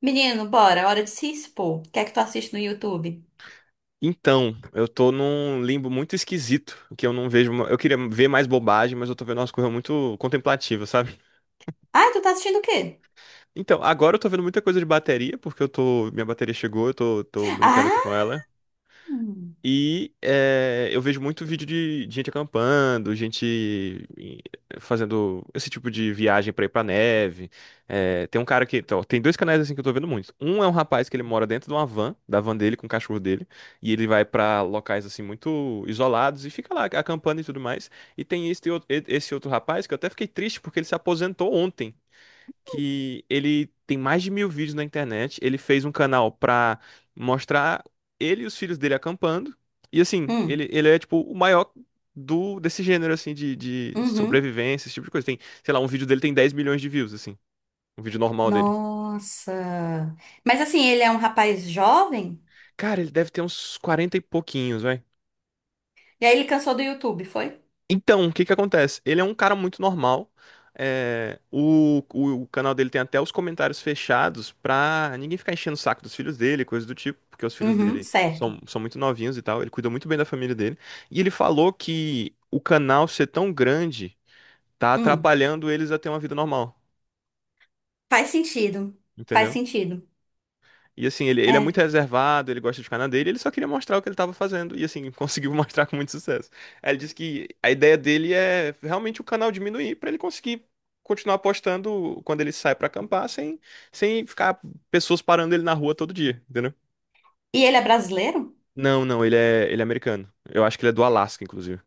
Menino, bora, hora de se expor. O que é que tu assiste no YouTube? Então, eu tô num limbo muito esquisito, que eu não vejo. Eu queria ver mais bobagem, mas eu tô vendo umas coisas muito contemplativas, sabe? Ah, tu tá assistindo o quê? Então, agora eu tô vendo muita coisa de bateria, porque eu tô. Minha bateria chegou, eu tô brincando aqui Ah! com ela. Eu vejo muito vídeo de gente acampando, fazendo esse tipo de viagem pra ir pra neve. Tem um cara que. Então, tem dois canais assim que eu tô vendo muito. Um é um rapaz que ele mora dentro de uma van, da van dele, com o cachorro dele. E ele vai pra locais assim muito isolados e fica lá acampando e tudo mais. E tem esse outro rapaz que eu até fiquei triste porque ele se aposentou ontem, que ele tem mais de mil vídeos na internet. Ele fez um canal pra mostrar ele e os filhos dele acampando. E assim, Hum, ele é tipo o maior do desse gênero assim de uhum. sobrevivência, esse tipo de coisa. Tem, sei lá, um vídeo dele tem 10 milhões de views, assim. Um vídeo normal dele. Nossa! Mas assim, ele é um rapaz jovem? Cara, ele deve ter uns 40 e pouquinhos, vai. E aí ele cansou do YouTube, foi? Então, o que que acontece? Ele é um cara muito normal. O canal dele tem até os comentários fechados pra ninguém ficar enchendo o saco dos filhos dele, coisa do tipo, porque os filhos Uhum, dele certo. são muito novinhos e tal. Ele cuida muito bem da família dele. E ele falou que o canal ser tão grande tá Hum, atrapalhando eles a ter uma vida normal, faz sentido. Faz entendeu? sentido. E assim, ele é muito É. reservado, ele gosta de ficar na dele, ele só queria mostrar o que ele estava fazendo. E assim, conseguiu mostrar com muito sucesso. Aí ele disse que a ideia dele é realmente o canal diminuir para ele conseguir continuar postando quando ele sai para acampar, sem ficar pessoas parando ele na rua todo dia, entendeu? E ele é brasileiro? Não, não, ele é americano. Eu acho que ele é do Alasca, inclusive.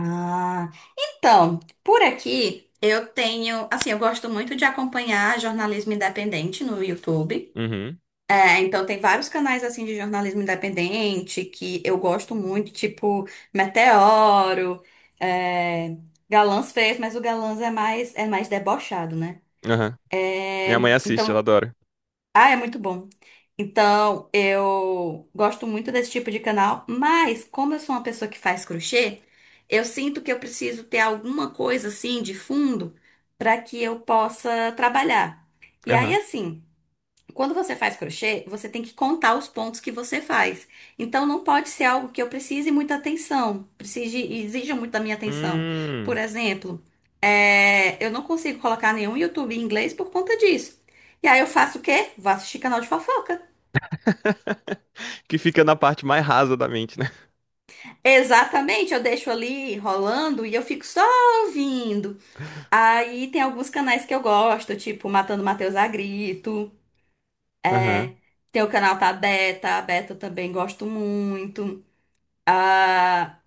Ah, então, por aqui eu tenho, assim, eu gosto muito de acompanhar jornalismo independente no YouTube. Uhum, É, então tem vários canais assim de jornalismo independente que eu gosto muito, tipo Meteoro, é, Galãs fez, mas o Galãs é mais debochado, né? aham. É, Minha mãe assiste, ela então, adora. ah, é muito bom. Então, eu gosto muito desse tipo de canal, mas como eu sou uma pessoa que faz crochê, eu sinto que eu preciso ter alguma coisa assim de fundo para que eu possa trabalhar. E aí Aham. assim, quando você faz crochê, você tem que contar os pontos que você faz. Então, não pode ser algo que eu precise muita atenção, precise, exija muito da minha atenção. Por Hum. exemplo, eu não consigo colocar nenhum YouTube em inglês por conta disso. E aí eu faço o quê? Vou assistir canal de fofoca. Que fica na parte mais rasa da mente, né? Exatamente, eu deixo ali rolando e eu fico só ouvindo. Aí tem alguns canais que eu gosto, tipo Matando Matheus a Grito. Aham. Tem o canal da Beta, a Beta eu também gosto muito.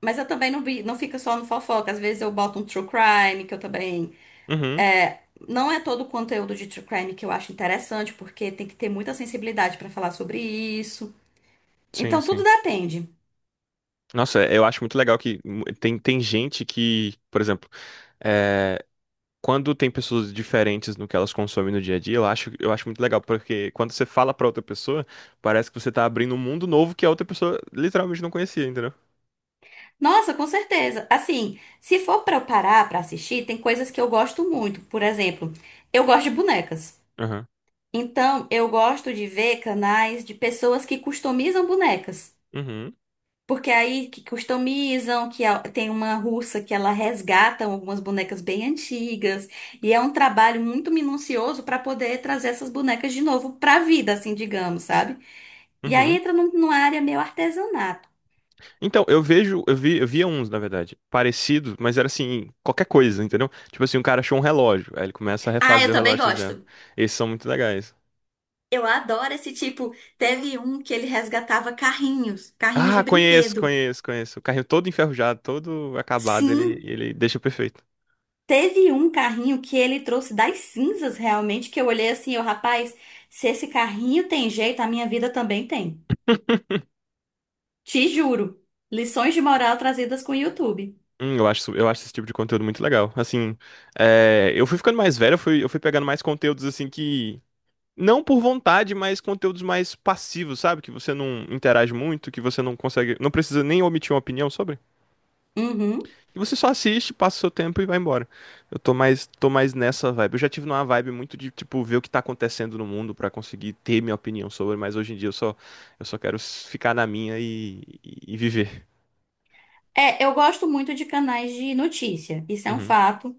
Mas eu também não, vi, não fica só no fofoca. Às vezes eu boto um true crime, que eu também. Uhum. é, não é todo o conteúdo de true crime que eu acho interessante, porque tem que ter muita sensibilidade pra falar sobre isso. Sim, Então tudo sim. depende. Nossa, eu acho muito legal que tem gente que, por exemplo, é, quando tem pessoas diferentes no que elas consomem no dia a dia, eu acho muito legal, porque quando você fala pra outra pessoa, parece que você tá abrindo um mundo novo que a outra pessoa literalmente não conhecia, entendeu? Nossa, com certeza. Assim, se for pra eu parar pra assistir, tem coisas que eu gosto muito. Por exemplo, eu gosto de bonecas. Aham. Então eu gosto de ver canais de pessoas que customizam bonecas. Uhum. Porque aí que customizam, tem uma russa que ela resgata algumas bonecas bem antigas, e é um trabalho muito minucioso para poder trazer essas bonecas de novo para a vida, assim, digamos, sabe? E aí Uhum. entra numa área meio artesanato. Então, eu vejo, eu vi, eu via uns, na verdade, parecidos, mas era assim, qualquer coisa, entendeu? Tipo assim, um cara achou um relógio, aí ele começa a Ah, eu refazer o também relógio já. gosto. Esses são muito legais. Eu adoro esse tipo. Teve um que ele resgatava carrinhos, carrinhos de Ah, conheço, brinquedo. conheço, conheço. O carrinho todo enferrujado, todo acabado, ele, Sim, ele deixa perfeito. teve um carrinho que ele trouxe das cinzas, realmente, que eu olhei assim, eu, rapaz, se esse carrinho tem jeito, a minha vida também tem. Te juro. Lições de moral trazidas com o YouTube. Eu acho esse tipo de conteúdo muito legal. Assim, eu fui ficando mais velho, eu fui pegando mais conteúdos assim que. Não por vontade, mas conteúdos mais passivos, sabe? Que você não interage muito, que você não consegue. Não precisa nem omitir uma opinião sobre. Uhum. E você só assiste, passa o seu tempo e vai embora. Eu tô mais nessa vibe. Eu já tive numa vibe muito de, tipo, ver o que tá acontecendo no mundo pra conseguir ter minha opinião sobre, mas hoje em dia eu só quero ficar na minha e viver. É, eu gosto muito de canais de notícia. Isso é um Uhum, fato,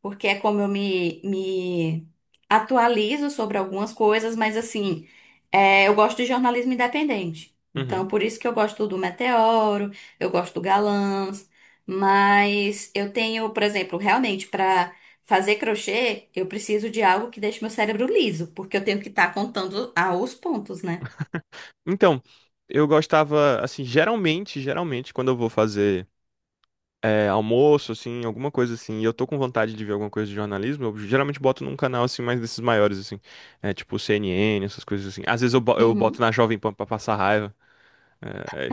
porque é como eu me atualizo sobre algumas coisas, mas assim, é, eu gosto de jornalismo independente. Então, uhum. por isso que eu gosto do Meteoro, eu gosto do Galãs, mas eu tenho, por exemplo, realmente para fazer crochê, eu preciso de algo que deixe meu cérebro liso, porque eu tenho que estar contando aos pontos, né? Então, eu gostava, assim, geralmente, quando eu vou fazer almoço, assim, alguma coisa assim, e eu tô com vontade de ver alguma coisa de jornalismo, eu geralmente boto num canal, assim, mais desses maiores, assim, tipo CNN, essas coisas assim. Às vezes eu boto Uhum. na Jovem Pan pra passar raiva. É, é.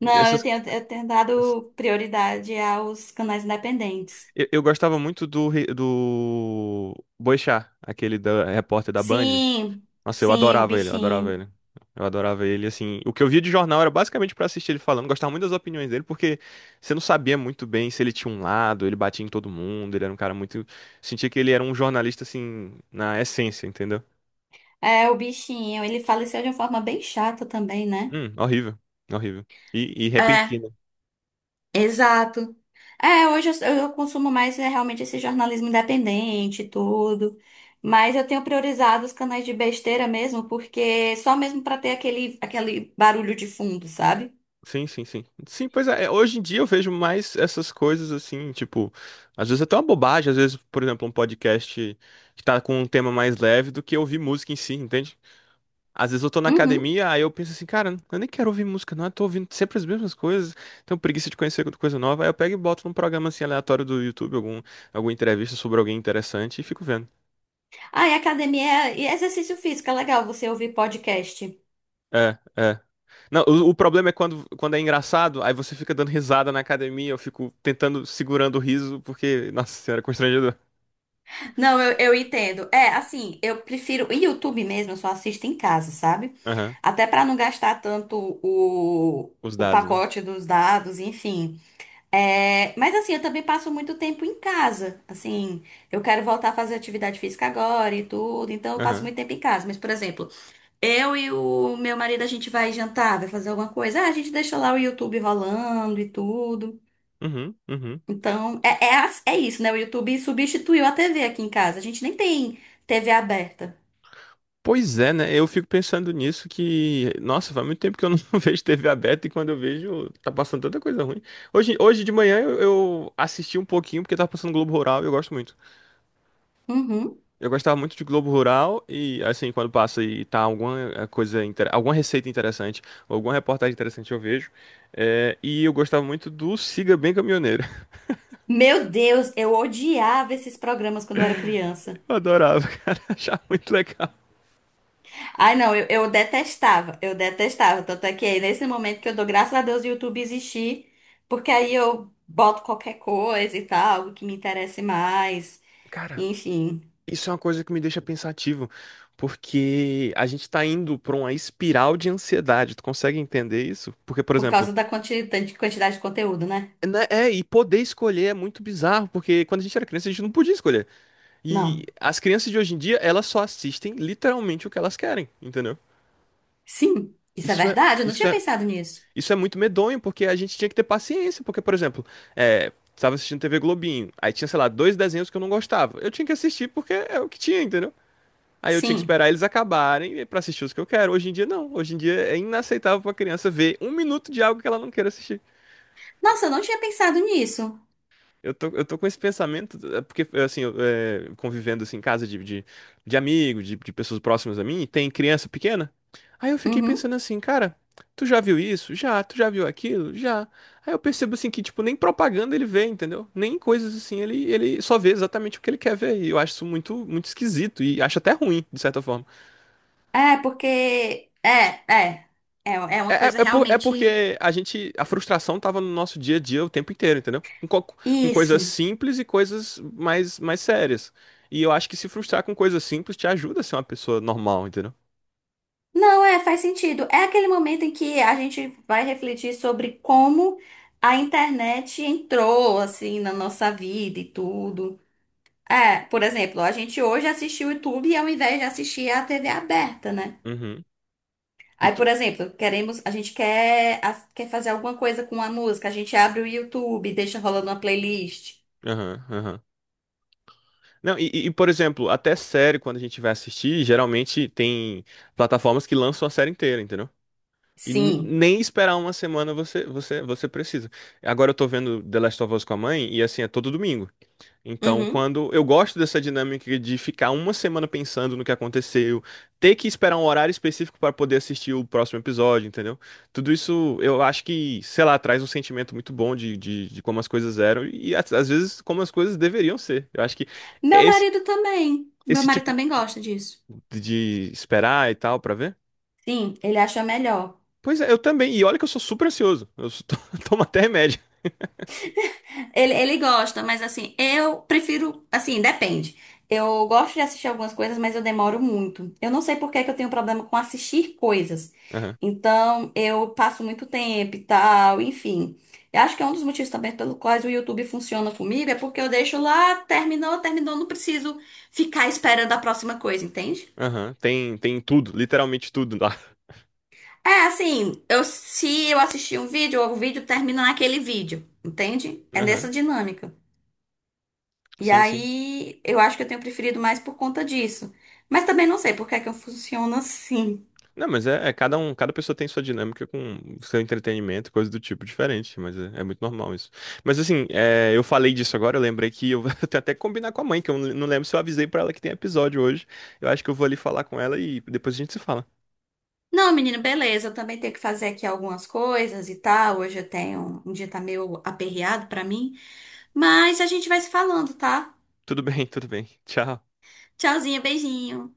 E Não, eu tenho ess- dado prioridade aos canais independentes. eu gostava muito do Boechat, aquele da, repórter da Band. Sim, Nossa, eu sim, o adorava ele, eu adorava bichinho. ele. Eu adorava ele, assim, o que eu via de jornal era basicamente pra assistir ele falando, gostava muito das opiniões dele, porque você não sabia muito bem se ele tinha um lado, ele batia em todo mundo, ele era um cara muito, sentia que ele era um jornalista assim, na essência, entendeu? É, o bichinho. Ele faleceu de uma forma bem chata também, né? Horrível, horrível. E É, repentino. exato. É, hoje eu consumo mais é, realmente esse jornalismo independente e tudo. Mas eu tenho priorizado os canais de besteira mesmo, porque só mesmo pra ter aquele, aquele barulho de fundo, sabe? Sim, sim, sim. Sim, pois hoje em dia eu vejo mais essas coisas assim, tipo, às vezes até uma bobagem, às vezes, por exemplo, um podcast que tá com um tema mais leve do que ouvir música em si, entende? Às vezes eu tô na Uhum. academia, aí eu penso assim, cara, eu nem quero ouvir música, não, eu tô ouvindo sempre as mesmas coisas, tenho preguiça de conhecer coisa nova, aí eu pego e boto num programa assim aleatório do YouTube, alguma entrevista sobre alguém interessante e fico vendo. Ah, e academia e exercício físico, é legal você ouvir podcast. É, é. Não, o problema é quando é engraçado, aí você fica dando risada na academia, eu fico tentando, segurando o riso, porque, nossa senhora, é constrangedor. Não, eu entendo. É, assim, eu prefiro. E YouTube mesmo, eu só assisto em casa, sabe? Aham. Até pra não gastar tanto Os o dados, né? pacote dos dados, enfim. É, mas assim, eu também passo muito tempo em casa. Assim, eu quero voltar a fazer atividade física agora e tudo, então eu passo Aham. muito tempo em casa. Mas, por exemplo, eu e o meu marido, a gente vai jantar, vai fazer alguma coisa. Ah, a gente deixa lá o YouTube rolando e tudo. Uhum, uhum. Então, é isso, né? O YouTube substituiu a TV aqui em casa. A gente nem tem TV aberta. Pois é, né? Eu fico pensando nisso que, nossa, faz muito tempo que eu não vejo TV aberta e quando eu vejo, tá passando tanta coisa ruim. Hoje de manhã eu assisti um pouquinho porque tava passando Globo Rural e eu gosto muito. Uhum. Eu gostava muito de Globo Rural e, assim, quando passa e tá alguma receita interessante, ou alguma reportagem interessante eu vejo. E eu gostava muito do Siga Bem Caminhoneiro. Meu Deus, eu odiava esses programas quando eu era criança. Eu adorava, cara, achava muito legal. Ai, não, eu detestava, eu detestava. Tanto é que é nesse momento que eu dou graças a Deus o YouTube existir, porque aí eu boto qualquer coisa e tal, algo que me interesse mais. Cara, Enfim, isso é uma coisa que me deixa pensativo, porque a gente tá indo pra uma espiral de ansiedade. Tu consegue entender isso? Porque, por por exemplo, causa da quantidade de conteúdo, né? né, e poder escolher é muito bizarro, porque quando a gente era criança a gente não podia escolher. E Não. as crianças de hoje em dia, elas só assistem literalmente o que elas querem, entendeu? Sim, isso é Isso é, verdade, eu não isso tinha é, pensado nisso. isso é muito medonho, porque a gente tinha que ter paciência, porque, por exemplo, tava assistindo TV Globinho, aí tinha, sei lá, dois desenhos que eu não gostava. Eu tinha que assistir porque é o que tinha, entendeu? Aí eu tinha que Sim. esperar eles acabarem pra assistir os que eu quero. Hoje em dia, não. Hoje em dia é inaceitável pra criança ver um minuto de algo que ela não queira assistir. Nossa, eu não tinha pensado nisso. Eu tô com esse pensamento, porque, assim, convivendo, assim, em casa de amigo, de pessoas próximas a mim, e tem criança pequena. Aí eu fiquei Uhum. pensando assim, cara, tu já viu isso? Já. Tu já viu aquilo? Já. Aí eu percebo, assim, que, tipo, nem propaganda ele vê, entendeu? Nem coisas assim, ele só vê exatamente o que ele quer ver. E eu acho isso muito, muito esquisito e acho até ruim, de certa forma. É, porque. É, é. É, é uma coisa É realmente. porque a gente, a frustração tava no nosso dia a dia o tempo inteiro, entendeu? Com coisas Isso. simples e coisas mais sérias. E eu acho que se frustrar com coisas simples te ajuda a ser uma pessoa normal, entendeu? Não, é, faz sentido. É aquele momento em que a gente vai refletir sobre como a internet entrou, assim, na nossa vida e tudo. É, por exemplo, a gente hoje assiste o YouTube ao invés de assistir a TV aberta, né? Uhum. E Aí, por tu. exemplo, queremos, a gente quer, a- quer fazer alguma coisa com a música, a gente abre o YouTube, deixa rolando uma playlist. Aham, aham. Não, por exemplo, até série, quando a gente vai assistir, geralmente tem plataformas que lançam a série inteira, entendeu? Sim. Nem esperar uma semana você precisa. Agora eu tô vendo The Last of Us com a mãe, e assim, é todo domingo. Então, Uhum. quando eu gosto dessa dinâmica de ficar uma semana pensando no que aconteceu, ter que esperar um horário específico para poder assistir o próximo episódio, entendeu? Tudo isso eu acho que, sei lá, traz um sentimento muito bom de como as coisas eram e às vezes como as coisas deveriam ser. Eu acho que Meu esse, marido também. Meu esse marido tipo também gosta disso. de esperar e tal para ver. Sim, ele acha melhor. Pois é, eu também. E olha que eu sou super ansioso. Tomo até remédio. Ele gosta, mas assim, eu prefiro. Assim, depende. Eu gosto de assistir algumas coisas, mas eu demoro muito. Eu não sei por que que eu tenho problema com assistir coisas. Aham, Então, eu passo muito tempo e tal, enfim. Eu acho que é um dos motivos também pelo quais o YouTube funciona comigo, é porque eu deixo lá, terminou, terminou, não preciso ficar esperando a próxima coisa, entende? aham. Tem tudo, literalmente tudo lá. É assim, eu, se eu assistir um vídeo, o vídeo termina naquele vídeo, entende? É Aham. nessa dinâmica. E Sim, sim. aí, eu acho que eu tenho preferido mais por conta disso. Mas também não sei por que é que eu funciono assim. Não, mas é cada um, cada pessoa tem sua dinâmica com seu entretenimento, coisa do tipo diferente, mas é muito normal isso. Mas assim, eu falei disso agora, eu lembrei que eu vou até combinar com a mãe, que eu não lembro se eu avisei pra ela que tem episódio hoje. Eu acho que eu vou ali falar com ela e depois a gente se fala. Não, menina, beleza, eu também tenho que fazer aqui algumas coisas e tal. Hoje eu tenho um dia tá meio aperreado pra mim, mas a gente vai se falando, tá? Tudo bem, tudo bem. Tchau. Tchauzinho, beijinho.